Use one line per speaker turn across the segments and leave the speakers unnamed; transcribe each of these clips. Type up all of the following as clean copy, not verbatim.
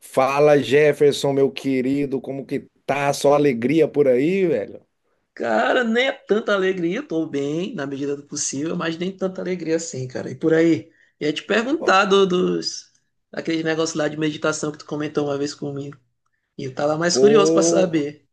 Fala, Jefferson, meu querido, como que tá? Só alegria por aí, velho?
Cara, nem é tanta alegria, tô bem na medida do possível, mas nem tanta alegria assim, cara. E por aí, ia te
Ó.
perguntar dos daquele negócio lá de meditação que tu comentou uma vez comigo. E eu tava mais curioso pra
Pô.
saber.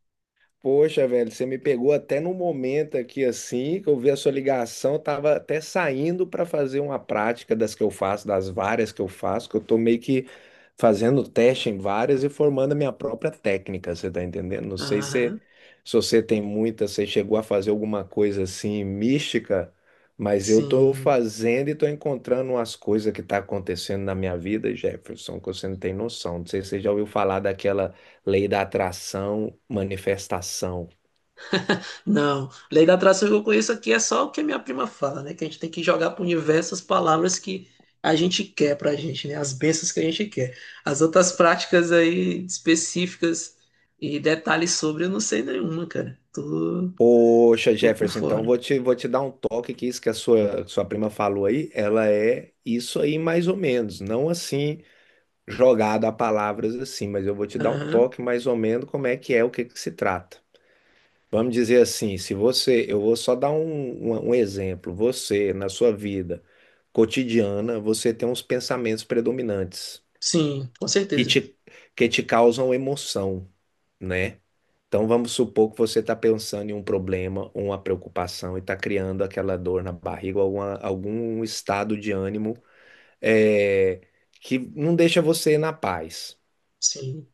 Poxa, velho, você me pegou até no momento aqui assim, que eu vi a sua ligação, eu tava até saindo para fazer uma prática das que eu faço, das várias que eu faço, que eu tô meio que fazendo teste em várias e formando a minha própria técnica, você tá entendendo? Não sei se,
Aham,
se você tem muita, você chegou a fazer alguma coisa assim mística, mas eu tô
sim.
fazendo e tô encontrando umas coisas que tá acontecendo na minha vida, Jefferson, que você não tem noção. Não sei se você já ouviu falar daquela lei da atração, manifestação.
Não, lei da atração que eu conheço aqui é só o que a minha prima fala, né? Que a gente tem que jogar pro universo as palavras que a gente quer pra gente, né? As bênçãos que a gente quer. As outras práticas aí específicas e detalhes sobre, eu não sei nenhuma, cara. Tu
Poxa,
tô por
Jefferson, então
fora.
vou te dar um toque que isso que a sua prima falou aí, ela é isso aí mais ou menos, não assim jogada a palavras assim, mas eu vou te dar um
Aham.
toque mais ou menos como é que é, o que que se trata. Vamos dizer assim, se você, eu vou só dar um exemplo, você, na sua vida cotidiana, você tem uns pensamentos predominantes
Sim, com
que
certeza.
te, que te causam emoção, né? Então vamos supor que você está pensando em um problema, uma preocupação e está criando aquela dor na barriga, algum estado de ânimo é, que não deixa você na paz.
Sim.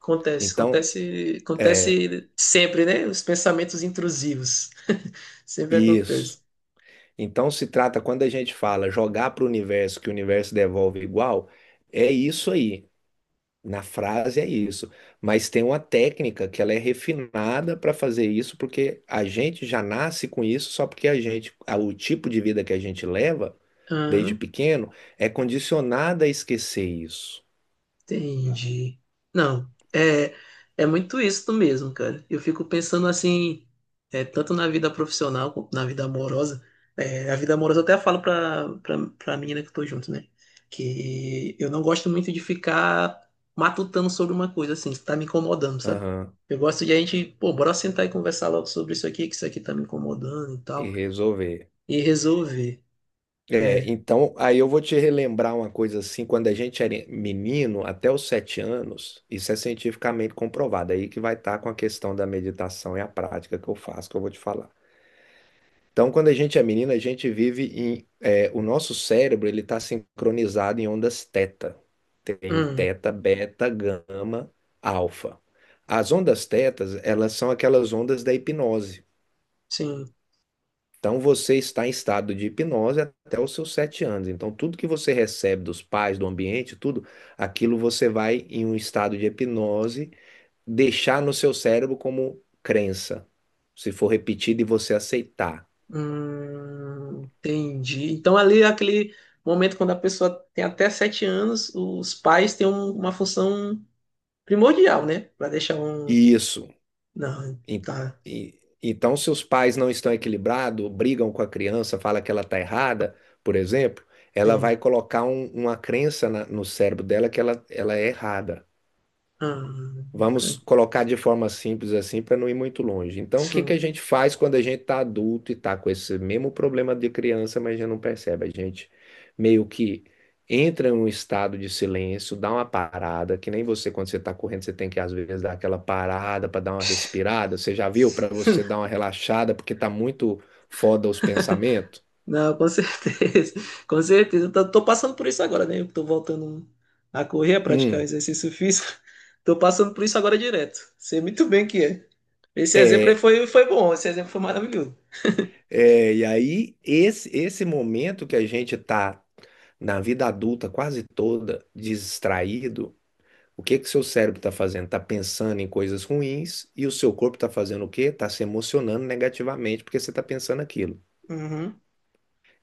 Acontece,
Então,
acontece,
é
acontece sempre, né? Os pensamentos intrusivos. Sempre
isso.
acontece.
Então se trata, quando a gente fala jogar para o universo, que o universo devolve igual, é isso aí. Na frase é isso, mas tem uma técnica que ela é refinada para fazer isso, porque a gente já nasce com isso, só porque a gente, o tipo de vida que a gente leva desde pequeno é condicionada a esquecer isso.
Entendi. Não, é muito isso mesmo, cara. Eu fico pensando assim, é, tanto na vida profissional quanto na vida amorosa. É, a vida amorosa eu até falo pra menina que eu tô junto, né? Que eu não gosto muito de ficar matutando sobre uma coisa assim, que tá me incomodando, sabe?
Aham,
Eu gosto de a gente, pô, bora sentar e conversar logo sobre isso aqui, que isso aqui tá me incomodando e
e
tal,
resolver.
e resolver.
É,
É,
então, aí eu vou te relembrar uma coisa assim, quando a gente era menino, até os 7 anos, isso é cientificamente comprovado, aí que vai estar com a questão da meditação e a prática que eu faço, que eu vou te falar. Então, quando a gente é menina, a gente o nosso cérebro ele está sincronizado em ondas teta. Tem
hum,
teta, beta, gama, alfa. As ondas tetas, elas são aquelas ondas da hipnose.
sim.
Então, você está em estado de hipnose até os seus 7 anos. Então, tudo que você recebe dos pais, do ambiente, tudo, aquilo você vai, em um estado de hipnose, deixar no seu cérebro como crença. Se for repetido e você aceitar.
Entendi. Então, ali é aquele momento quando a pessoa tem até sete anos, os pais têm uma função primordial, né? Para deixar um.
Isso.
Não,
E-
tá.
então, se os pais não estão equilibrados, brigam com a criança, fala que ela está errada, por exemplo, ela
Sim.
vai colocar um- uma crença na- no cérebro dela que ela é errada.
Hum,
Vamos colocar de forma simples assim para não ir muito longe. Então, o que que a
sim.
gente faz quando a gente está adulto e está com esse mesmo problema de criança, mas já não percebe? A gente meio que entra em um estado de silêncio, dá uma parada, que nem você, quando você está correndo, você tem que às vezes dar aquela parada para dar uma respirada. Você já viu? Para você dar uma relaxada, porque está muito foda os pensamentos.
Não, com certeza. Com certeza. Eu tô passando por isso agora, né? Eu tô voltando a correr, a praticar
Hum.
exercício físico. Tô passando por isso agora direto. Sei muito bem que é. Esse exemplo aí
é,
foi, foi bom, esse exemplo foi maravilhoso.
É, e aí, esse momento que a gente está na vida adulta quase toda, distraído, o que que seu cérebro está fazendo? Está pensando em coisas ruins e o seu corpo está fazendo o quê? Está se emocionando negativamente porque você está pensando aquilo.
Uhum.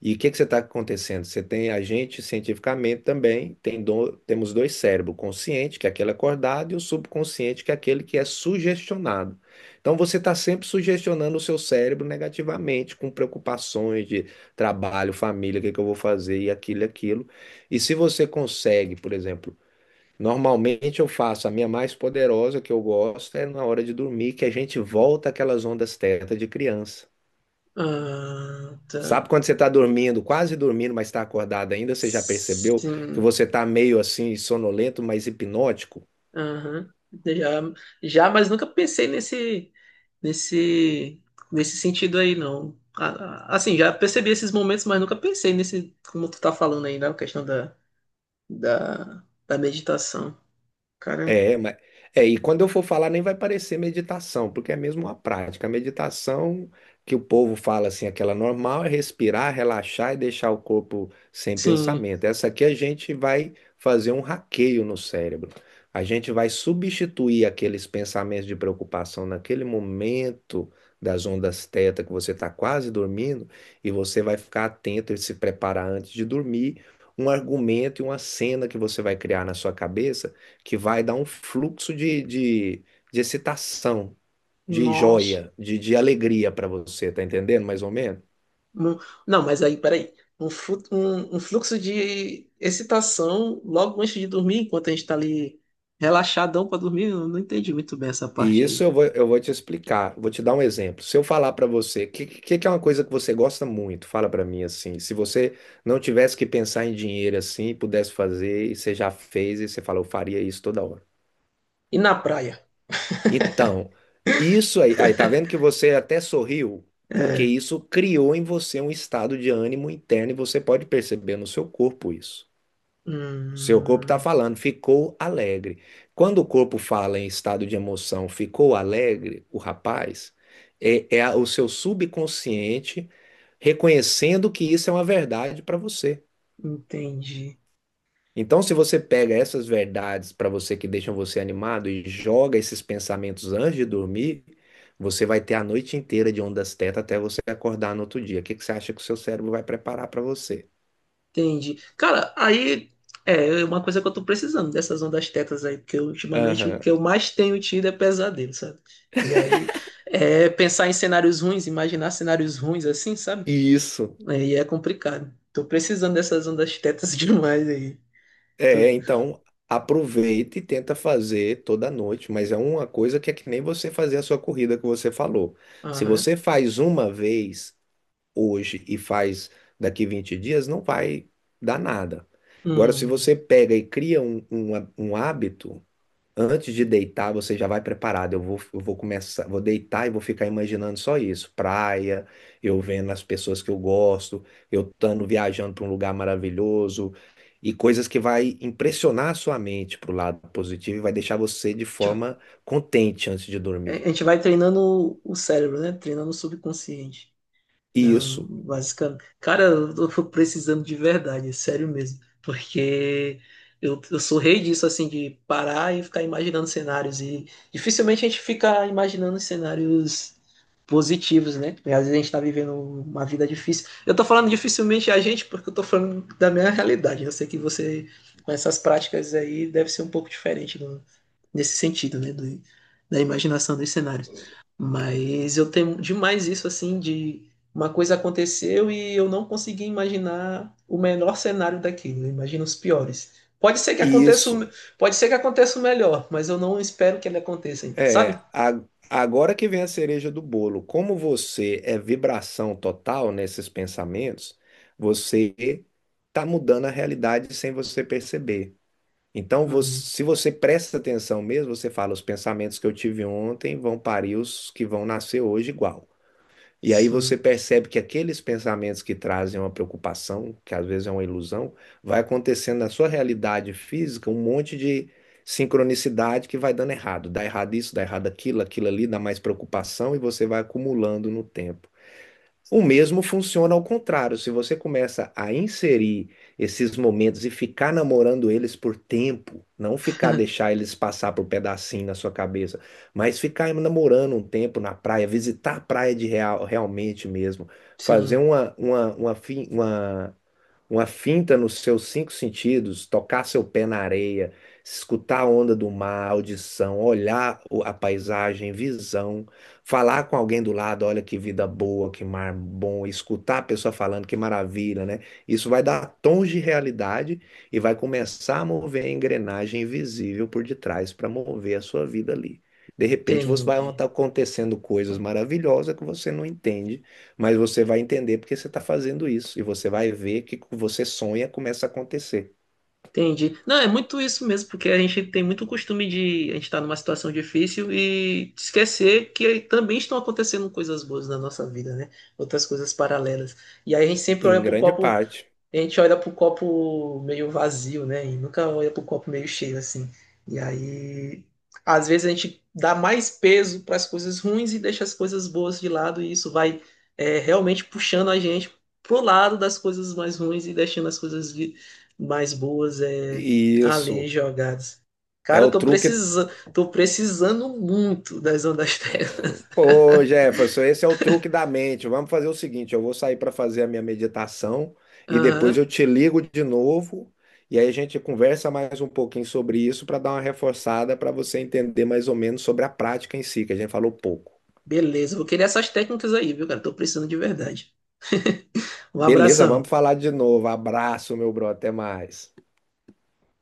E o que é que você está acontecendo? Você tem a gente cientificamente também, temos dois cérebros, o consciente, que é aquele acordado, e o subconsciente, que é aquele que é sugestionado. Então você está sempre sugestionando o seu cérebro negativamente, com preocupações de trabalho, família, o que é que eu vou fazer, e aquilo, e aquilo. E se você consegue, por exemplo, normalmente eu faço a minha mais poderosa que eu gosto é na hora de dormir, que a gente volta àquelas ondas teta de criança.
Ah, tá.
Sabe quando você está dormindo, quase dormindo, mas está acordado ainda? Você já percebeu que
Sim,
você está meio assim, sonolento, mas hipnótico?
aham. Já, já, mas nunca pensei nesse, nesse sentido aí, não. Assim, já percebi esses momentos, mas nunca pensei nesse, como tu tá falando aí, na questão da meditação. Cara,
É, mas é, e quando eu for falar nem vai parecer meditação, porque é mesmo uma prática. A meditação que o povo fala assim, aquela normal, é respirar, relaxar e deixar o corpo sem
sim,
pensamento. Essa aqui a gente vai fazer um hackeio no cérebro. A gente vai substituir aqueles pensamentos de preocupação naquele momento das ondas teta que você está quase dormindo e você vai ficar atento e se preparar antes de dormir. Um argumento e uma cena que você vai criar na sua cabeça que vai dar um fluxo de excitação, de
nossa.
joia, de alegria para você, tá entendendo mais ou menos?
Mu- Não, mas aí, peraí. Um fluxo de excitação logo antes de dormir, enquanto a gente tá ali relaxadão pra dormir, eu não entendi muito bem essa
E
parte
isso
aí.
eu vou te explicar, vou te dar um exemplo. Se eu falar para você, o que é uma coisa que você gosta muito? Fala para mim assim. Se você não tivesse que pensar em dinheiro assim, pudesse fazer, e você já fez, e você fala, eu faria isso toda hora.
E na praia?
Então, isso aí, aí, tá vendo que você até sorriu? Porque
É.
isso criou em você um estado de ânimo interno e você pode perceber no seu corpo isso. Seu corpo está
Hum,
falando, ficou alegre. Quando o corpo fala em estado de emoção, ficou alegre, o rapaz, o seu subconsciente reconhecendo que isso é uma verdade para você.
entendi,
Então, se você pega essas verdades para você que deixam você animado e joga esses pensamentos antes de dormir, você vai ter a noite inteira de ondas teta até você acordar no outro dia. O que que você acha que o seu cérebro vai preparar para você?
entendi. Cara, aí é uma coisa que eu tô precisando dessas ondas tetas aí, porque ultimamente o
Aham.
que eu mais tenho tido é pesadelo, sabe? E aí é pensar em cenários ruins, imaginar cenários ruins assim, sabe?
Isso.
Aí é complicado. Tô precisando dessas ondas tetas demais aí. Tô-
É, então aproveita e tenta fazer toda noite, mas é uma coisa que é que nem você fazer a sua corrida que você falou. Se
Aham.
você faz uma vez hoje e faz daqui 20 dias, não vai dar nada. Agora, se
Hum.
você pega e cria um hábito. Antes de deitar, você já vai preparado. Eu vou começar, vou deitar e vou ficar imaginando só isso. Praia, eu vendo as pessoas que eu gosto, eu estando viajando para um lugar maravilhoso e coisas que vai impressionar a sua mente para o lado positivo e vai deixar você de
Tipo,
forma contente antes de
a
dormir.
gente vai treinando o cérebro, né? Treinando o subconsciente. Não,
Isso,
basicamente. Cara, eu tô precisando de verdade, é sério mesmo. Porque eu sou rei disso, assim, de parar e ficar imaginando cenários. E dificilmente a gente fica imaginando cenários positivos, né? Porque às vezes a gente tá vivendo uma vida difícil. Eu tô falando dificilmente a gente, porque eu tô falando da minha realidade. Eu sei que você, com essas práticas aí, deve ser um pouco diferente nesse sentido, né, da imaginação dos cenários. Mas eu tenho demais isso assim de uma coisa aconteceu e eu não consegui imaginar o menor cenário daquilo, eu imagino os piores. Pode ser que aconteça o, me-
isso.
Pode ser que aconteça o melhor, mas eu não espero que ele aconteça, sabe?
É, a- Agora que vem a cereja do bolo, como você é vibração total nesses pensamentos, você está mudando a realidade sem você perceber. Então,
Hum,
você, se você presta atenção mesmo, você fala, os pensamentos que eu tive ontem vão parir os que vão nascer hoje igual. E aí você
sim,
percebe que aqueles pensamentos que trazem uma preocupação, que às vezes é uma ilusão, vai acontecendo na sua realidade física um monte de sincronicidade que vai dando errado. Dá errado isso, dá errado aquilo, aquilo ali, dá mais preocupação e você vai acumulando no tempo. O mesmo funciona ao contrário. Se você começa a inserir esses momentos e ficar namorando eles por tempo, não ficar deixar eles passar por pedacinho na sua cabeça, mas ficar namorando um tempo na praia, visitar a praia de real, realmente mesmo, fazer
sim,
uma finta nos seus cinco sentidos, tocar seu pé na areia, escutar a onda do mar, audição, olhar a paisagem, visão, falar com alguém do lado, olha que vida boa, que mar bom, escutar a pessoa falando, que maravilha, né? Isso vai dar tons de realidade e vai começar a mover a engrenagem invisível por detrás para mover a sua vida ali. De repente, você vai
entendi.
estar acontecendo coisas maravilhosas que você não entende, mas você vai entender porque você está fazendo isso. E você vai ver que o que você sonha começa a acontecer.
Entendi. Não, é muito isso mesmo, porque a gente tem muito costume de a gente estar numa situação difícil e esquecer que também estão acontecendo coisas boas na nossa vida, né? Outras coisas paralelas. E aí
Em grande parte.
a gente olha pro copo meio vazio, né? E nunca olha pro copo meio cheio, assim. E aí, às vezes a gente dá mais peso para as coisas ruins e deixa as coisas boas de lado, e isso vai é, realmente puxando a gente pro lado das coisas mais ruins e deixando as coisas mais boas é,
E
ali
isso
jogadas.
é
Cara, eu
o
tô
truque.
precisando, tô precisando muito das ondas terra.
Pô, Jefferson, esse é o truque da mente. Vamos fazer o seguinte: eu vou sair para fazer a minha meditação e
Aham.
depois eu te ligo de novo. E aí a gente conversa mais um pouquinho sobre isso para dar uma reforçada para você entender mais ou menos sobre a prática em si, que a gente falou pouco.
Beleza, vou querer essas técnicas aí, viu, cara? Tô precisando de verdade. Um
Beleza,
abração.
vamos falar de novo. Abraço, meu bro. Até mais.